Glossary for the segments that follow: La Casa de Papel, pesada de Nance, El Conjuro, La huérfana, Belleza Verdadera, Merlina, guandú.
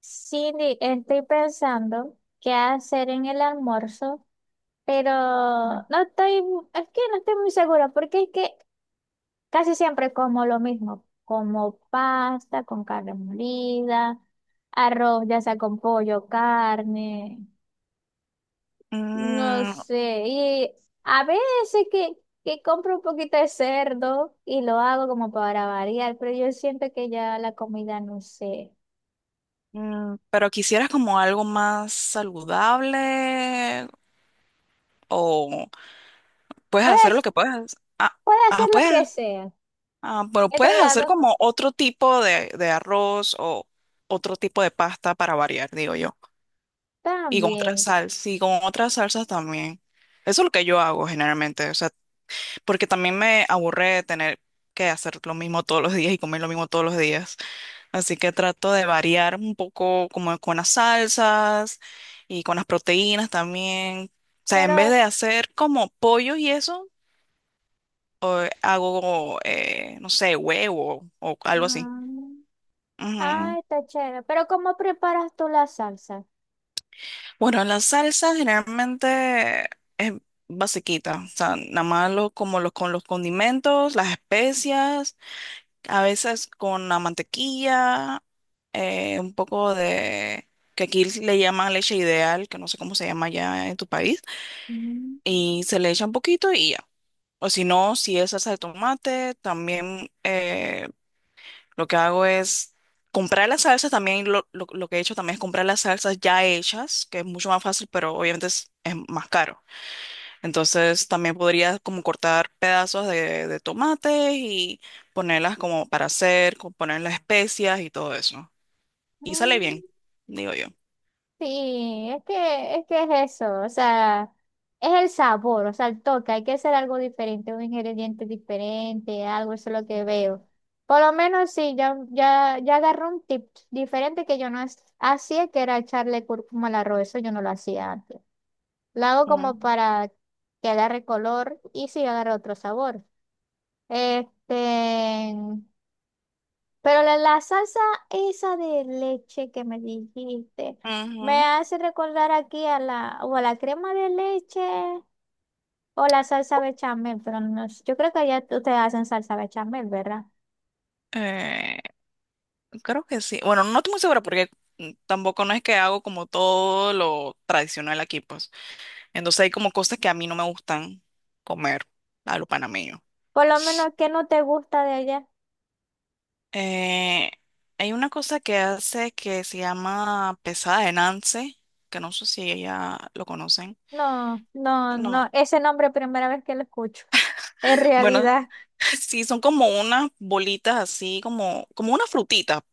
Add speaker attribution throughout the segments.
Speaker 1: Cindy, estoy pensando qué hacer en el almuerzo, pero no estoy, es que no estoy muy segura, porque es que casi siempre como lo mismo, como pasta con carne molida, arroz, ya sea con pollo, carne, no
Speaker 2: Mm,
Speaker 1: sé. Y a veces que compro un poquito de cerdo y lo hago como para variar, pero yo siento que ya la comida, no sé,
Speaker 2: pero quisieras como algo más saludable o puedes hacer
Speaker 1: puedes,
Speaker 2: lo que puedes. Ah,
Speaker 1: puede hacer
Speaker 2: ah,
Speaker 1: lo
Speaker 2: puedes.
Speaker 1: que sea.
Speaker 2: Ah, pero
Speaker 1: Entre
Speaker 2: puedes
Speaker 1: las
Speaker 2: hacer
Speaker 1: dos cosas.
Speaker 2: como otro tipo de arroz o otro tipo de pasta para variar, digo yo. Y con otras
Speaker 1: También,
Speaker 2: salsas, y con otras salsas también. Eso es lo que yo hago generalmente. O sea, porque también me aburre tener que hacer lo mismo todos los días y comer lo mismo todos los días. Así que trato de variar un poco como con las salsas y con las proteínas también. O sea, en vez
Speaker 1: pero...
Speaker 2: de hacer como pollo y eso, hago, no sé, huevo o algo así.
Speaker 1: mm, ah,
Speaker 2: Ujú.
Speaker 1: está chévere. Pero ¿cómo preparas tú la salsa?
Speaker 2: Bueno, la salsa generalmente es basiquita. O sea, nada más lo- como los, con los condimentos, las especias. A veces con la mantequilla, un poco de, que aquí le llaman leche ideal, que no sé cómo se llama allá en tu país,
Speaker 1: Mm.
Speaker 2: y se le echa un poquito y ya. O si no, si es salsa de tomate, también, lo que hago es comprar las salsas, también lo que he hecho también es comprar las salsas ya hechas, que es mucho más fácil, pero obviamente es más caro. Entonces también podrías como cortar pedazos de tomates y ponerlas como para hacer, poner las especias y todo eso. Y sale bien,
Speaker 1: Mm.
Speaker 2: digo yo.
Speaker 1: Sí, es que, es que es eso, o sea, es el sabor, o sea, el toque, hay que hacer algo diferente, un ingrediente diferente, algo, eso es lo que veo. Por lo menos sí, ya, ya, ya agarré un tip diferente que yo no es- hacía, que era echarle cúrcuma al arroz, eso yo no lo hacía antes. La hago como
Speaker 2: Mm,
Speaker 1: para que agarre color y sí agarre otro sabor. Este, pero la salsa esa de leche que me dijiste, me
Speaker 2: ujú.
Speaker 1: hace recordar aquí a la, o a la crema de leche o la salsa bechamel, pero no, sé, yo creo que allá ustedes hacen salsa bechamel, ¿verdad?
Speaker 2: Eh, creo que sí. Bueno, no estoy muy segura porque tampoco no es que hago como todo lo tradicional aquí, pues. Entonces hay como cosas que a mí no me gustan comer a lo panameño.
Speaker 1: Por lo menos que no te gusta de allá.
Speaker 2: Eh, hay una cosa que hace que se llama pesada de Nance, que no sé si ella lo conocen.
Speaker 1: No, no, no,
Speaker 2: No.
Speaker 1: ese nombre primera vez que lo escucho. En
Speaker 2: Bueno,
Speaker 1: realidad.
Speaker 2: sí, son como unas bolitas así, como, como una frutita.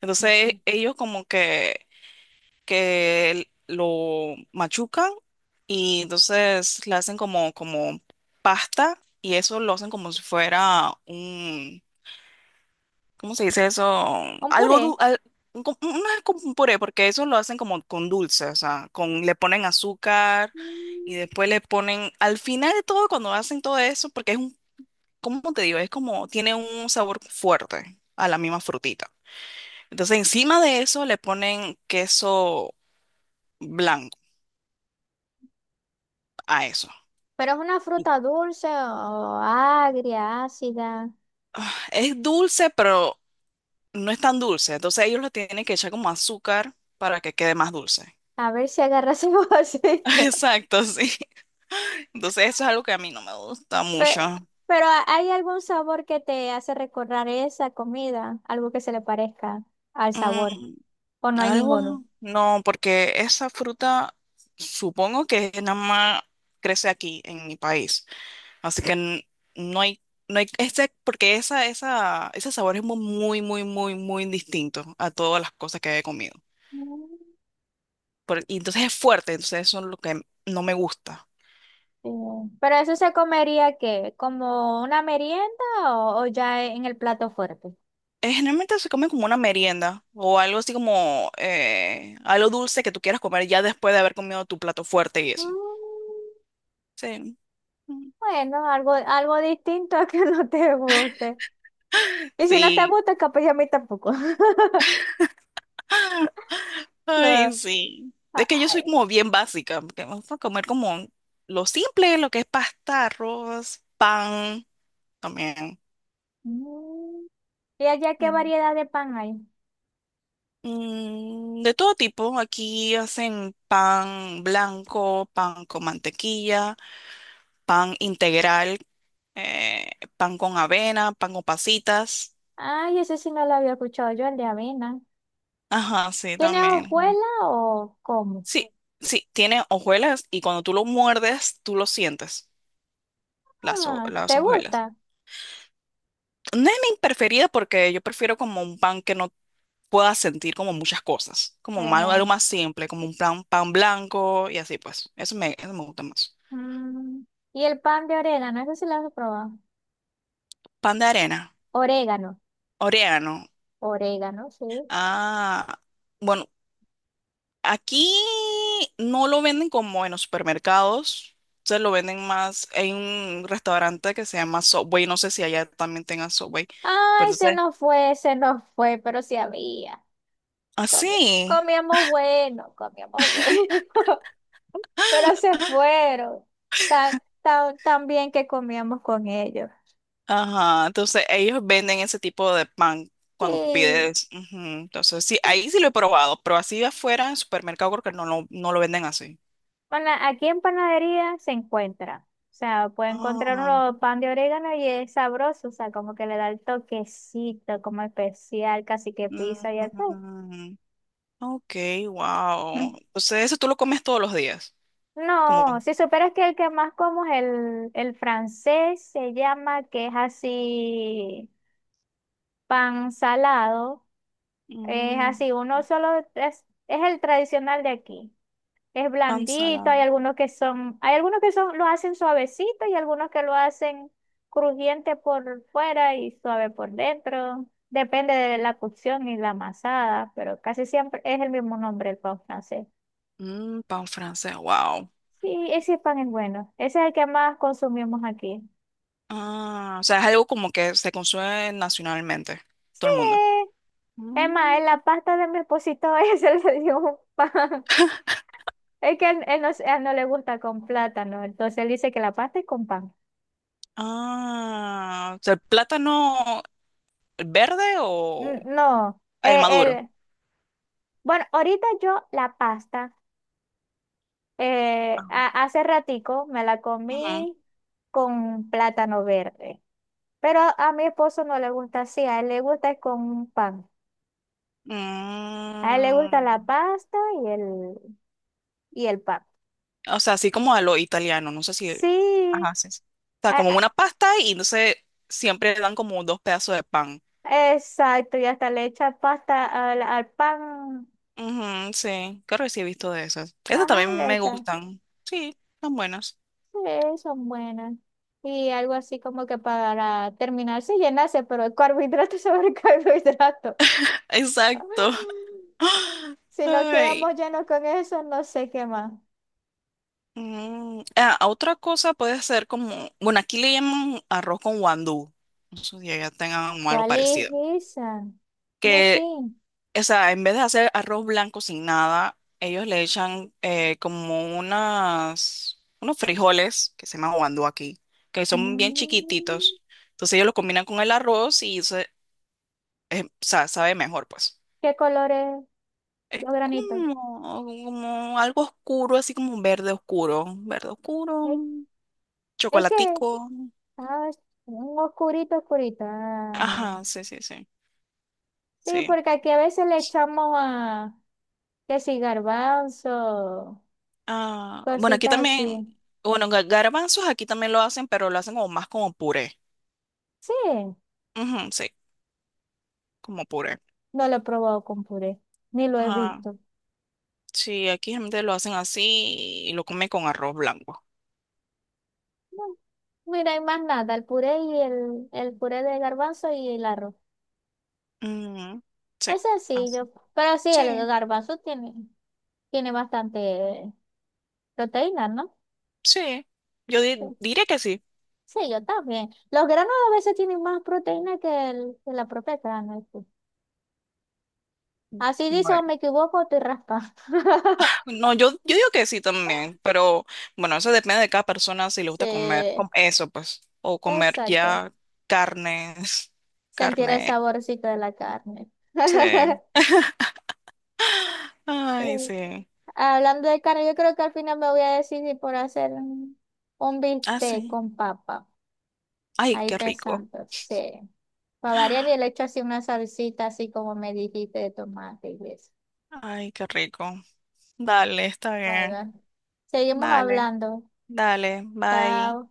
Speaker 2: Entonces
Speaker 1: Ujú.
Speaker 2: ellos como que, que lo machucan y entonces le hacen como, como pasta y eso lo hacen como si fuera, ¿cómo se dice eso?
Speaker 1: Un
Speaker 2: Algo dul-
Speaker 1: puré.
Speaker 2: al- un co- no es como un puré, porque eso lo hacen como con dulce, o sea, con, le ponen azúcar y
Speaker 1: Mm.
Speaker 2: después le ponen, al final de todo, cuando hacen todo eso, porque es un, ¿cómo te digo? Es como, tiene un sabor fuerte a la misma frutita. Entonces, encima de eso le ponen queso blanco a eso.
Speaker 1: Pero ¿es una
Speaker 2: Y,
Speaker 1: fruta dulce o agria, ácida?
Speaker 2: Es dulce, pero no es tan dulce. Entonces, ellos lo tienen que echar como azúcar para que quede más dulce.
Speaker 1: A ver si agarras un vasito.
Speaker 2: Exacto, sí. Entonces, eso es algo que a mí no me gusta mucho.
Speaker 1: Pe- Pero ¿hay algún sabor que te hace recordar esa comida? Algo que se le parezca al
Speaker 2: Mm,
Speaker 1: sabor. ¿O no hay ninguno?
Speaker 2: no, porque esa fruta supongo que nada más crece aquí en mi país. Así que no hay, no hay, porque ese sabor es muy, muy, muy, muy distinto a todas las cosas que he comido.
Speaker 1: Mm,
Speaker 2: Y entonces es fuerte, entonces eso es lo que no me gusta.
Speaker 1: bien. Pero eso se comería ¿qué? ¿Como una merienda o ya en el plato fuerte?
Speaker 2: Generalmente se come como una merienda o algo así como, algo dulce que tú quieras comer ya después de haber comido tu plato fuerte y eso.
Speaker 1: Mm.
Speaker 2: Sí.
Speaker 1: Bueno, algo, algo distinto a que no te guste. Y si no te
Speaker 2: Sí,
Speaker 1: gusta, capaz ya a mí tampoco.
Speaker 2: ay,
Speaker 1: No.
Speaker 2: sí.
Speaker 1: Ah,
Speaker 2: Es que yo soy
Speaker 1: ah.
Speaker 2: como bien básica, porque vamos a comer como lo simple, lo que es pasta, arroz, pan, también.
Speaker 1: Mm. ¿Y allá qué
Speaker 2: Mm.
Speaker 1: variedad de pan hay?
Speaker 2: De todo tipo, aquí hacen pan blanco, pan con mantequilla, pan integral, eh, pan con avena, pan con pasitas.
Speaker 1: Ay, ese sí no lo había escuchado yo, el de avena.
Speaker 2: Ajá, sí,
Speaker 1: ¿Tiene
Speaker 2: también.
Speaker 1: hojuela o cómo?
Speaker 2: Sí, sí, tiene hojuelas y cuando tú lo muerdes, tú lo sientes, las,
Speaker 1: Ah,
Speaker 2: las
Speaker 1: ¿te
Speaker 2: hojuelas.
Speaker 1: gusta?
Speaker 2: No es mi preferida porque yo prefiero como un pan que no pueda sentir como muchas cosas,
Speaker 1: Eh,
Speaker 2: algo más simple, como un pan, pan blanco y así pues. Eso me gusta más.
Speaker 1: mm. ¿Y el pan de orégano? Eso sí lo has probado.
Speaker 2: Pan de arena,
Speaker 1: Orégano,
Speaker 2: orégano.
Speaker 1: orégano, sí.
Speaker 2: Ah, bueno, aquí no lo venden como en los supermercados, se lo venden más en un restaurante que se llama Subway, no sé si allá también tengan Subway, pero
Speaker 1: Ay,
Speaker 2: entonces,
Speaker 1: se nos fue, pero sí había. Como-
Speaker 2: así.
Speaker 1: Comíamos bueno, pero se fueron. Tan, tan, tan bien que comíamos con ellos.
Speaker 2: Ajá, entonces ellos venden ese tipo de pan cuando
Speaker 1: Sí.
Speaker 2: pides. Ujú, entonces, sí, ahí sí lo he probado, pero así afuera en supermercado creo que no no lo venden así.
Speaker 1: Pana- aquí en panadería se encuentra. O sea, puede encontrar
Speaker 2: Ah,
Speaker 1: uno pan de orégano y es sabroso, o sea, como que le da el toquecito, como especial, casi que pizza y todo.
Speaker 2: mm, ok, wow. Entonces, eso tú lo comes todos los días, como
Speaker 1: No, si superas que el que más como es el francés, se llama, que es así, pan salado, es
Speaker 2: mm,
Speaker 1: así, uno solo, es el tradicional de aquí. Es
Speaker 2: pan
Speaker 1: blandito,
Speaker 2: salado.
Speaker 1: hay algunos que son, hay algunos que son, lo hacen suavecito y algunos que lo hacen crujiente por fuera y suave por dentro. Depende de la cocción y la amasada, pero casi siempre es el mismo nombre, el pan francés.
Speaker 2: Mm, pan francés, wow.
Speaker 1: Sí, ese pan es bueno. Ese es el que más consumimos aquí.
Speaker 2: Ah, o sea, es algo como que se consume nacionalmente, todo el mundo.
Speaker 1: Sí. Es más,
Speaker 2: Mm,
Speaker 1: en la pasta de mi esposito ese le dio un pan. Es que él no, a él no le gusta con plátano, entonces él dice que la pasta es con pan.
Speaker 2: ah, o sea, el plátano. El ¿verde o
Speaker 1: N- No,
Speaker 2: el
Speaker 1: él,
Speaker 2: maduro?
Speaker 1: él- Bueno, ahorita yo la pasta,
Speaker 2: Ah.
Speaker 1: a- hace ratico me la
Speaker 2: Ujú.
Speaker 1: comí con plátano verde, pero a mi esposo no le gusta así, a él le gusta es con un pan, a él le gusta
Speaker 2: Mm,
Speaker 1: la pasta y el, y el pan.
Speaker 2: o sea, así como a lo italiano, no sé si...
Speaker 1: Sí,
Speaker 2: Ajá, sí, sí. O sea, como
Speaker 1: a-
Speaker 2: una pasta y entonces siempre le dan como dos pedazos de pan.
Speaker 1: exacto, y hasta le echa pasta al, al pan,
Speaker 2: Ujú, sí, creo que sí he visto de esas. Esas
Speaker 1: ajá,
Speaker 2: también
Speaker 1: le
Speaker 2: me
Speaker 1: echa,
Speaker 2: gustan. Sí, son buenas.
Speaker 1: sí, son buenas. Y algo así como que para terminarse y llenarse, pero el carbohidrato sobre el carbohidrato.
Speaker 2: Exacto.
Speaker 1: Si nos
Speaker 2: Ay.
Speaker 1: quedamos llenos con eso, no sé qué más.
Speaker 2: Otra cosa puede ser como, bueno, aquí le llaman arroz con guandú. No sé si allá tengan algo
Speaker 1: ¿Cuál es
Speaker 2: parecido.
Speaker 1: esa? No sé.
Speaker 2: Que, o sea, en vez de hacer arroz blanco sin nada, ellos le echan, como unas, unos frijoles que se llaman guandú aquí, que son bien
Speaker 1: Mm.
Speaker 2: chiquititos. Entonces ellos lo combinan con el arroz y se, o sea, sabe mejor, pues.
Speaker 1: ¿Qué colores
Speaker 2: Es
Speaker 1: los granitos?
Speaker 2: como, como algo oscuro, así como verde oscuro,
Speaker 1: Es, es que,
Speaker 2: chocolatico.
Speaker 1: ah, es un oscurito, oscurito. Ah, no.
Speaker 2: Ajá, sí, sí, sí,
Speaker 1: Sí,
Speaker 2: sí.
Speaker 1: porque aquí a veces le echamos a, que si garbanzo,
Speaker 2: Ah, bueno, aquí
Speaker 1: cositas
Speaker 2: también,
Speaker 1: así.
Speaker 2: bueno, garbanzos aquí también lo hacen, pero lo hacen como más como puré.
Speaker 1: Sí,
Speaker 2: Ujú, sí. Como puré.
Speaker 1: no lo he probado con puré, ni lo he
Speaker 2: Ajá.
Speaker 1: visto.
Speaker 2: Sí, aquí gente lo hacen así y lo come con arroz blanco.
Speaker 1: No, mira, hay más nada, el puré y el puré de garbanzo y el arroz.
Speaker 2: Ujú, sí,
Speaker 1: Es
Speaker 2: así.
Speaker 1: sencillo, pero sí, el
Speaker 2: Sí,
Speaker 1: garbanzo tiene, tiene bastante proteína, ¿no?
Speaker 2: sí. Yo
Speaker 1: Sí.
Speaker 2: diría que sí.
Speaker 1: Sí, yo también. Los granos a veces tienen más proteína que, que la propia grana, sí. Así dice, o
Speaker 2: Bueno.
Speaker 1: me equivoco, o estoy raspa.
Speaker 2: No, yo digo que sí también, pero bueno, eso depende de cada persona si le gusta comer
Speaker 1: Sí,
Speaker 2: eso, pues, o comer
Speaker 1: exacto.
Speaker 2: ya carnes,
Speaker 1: Sentir el
Speaker 2: carne.
Speaker 1: saborcito de la carne.
Speaker 2: Sí.
Speaker 1: Sí.
Speaker 2: Ay, sí.
Speaker 1: Hablando de carne, yo creo que al final me voy a decidir por hacer un
Speaker 2: Ah,
Speaker 1: bistec
Speaker 2: sí.
Speaker 1: con papa.
Speaker 2: Ay,
Speaker 1: Ahí
Speaker 2: qué rico.
Speaker 1: pensando, sí. Para variar, y le echo así una salsita, así como me dijiste, de tomate y eso.
Speaker 2: Ay, qué rico. Dale, está bien.
Speaker 1: Bueno, seguimos
Speaker 2: Vale,
Speaker 1: hablando.
Speaker 2: dale, bye.
Speaker 1: Chao.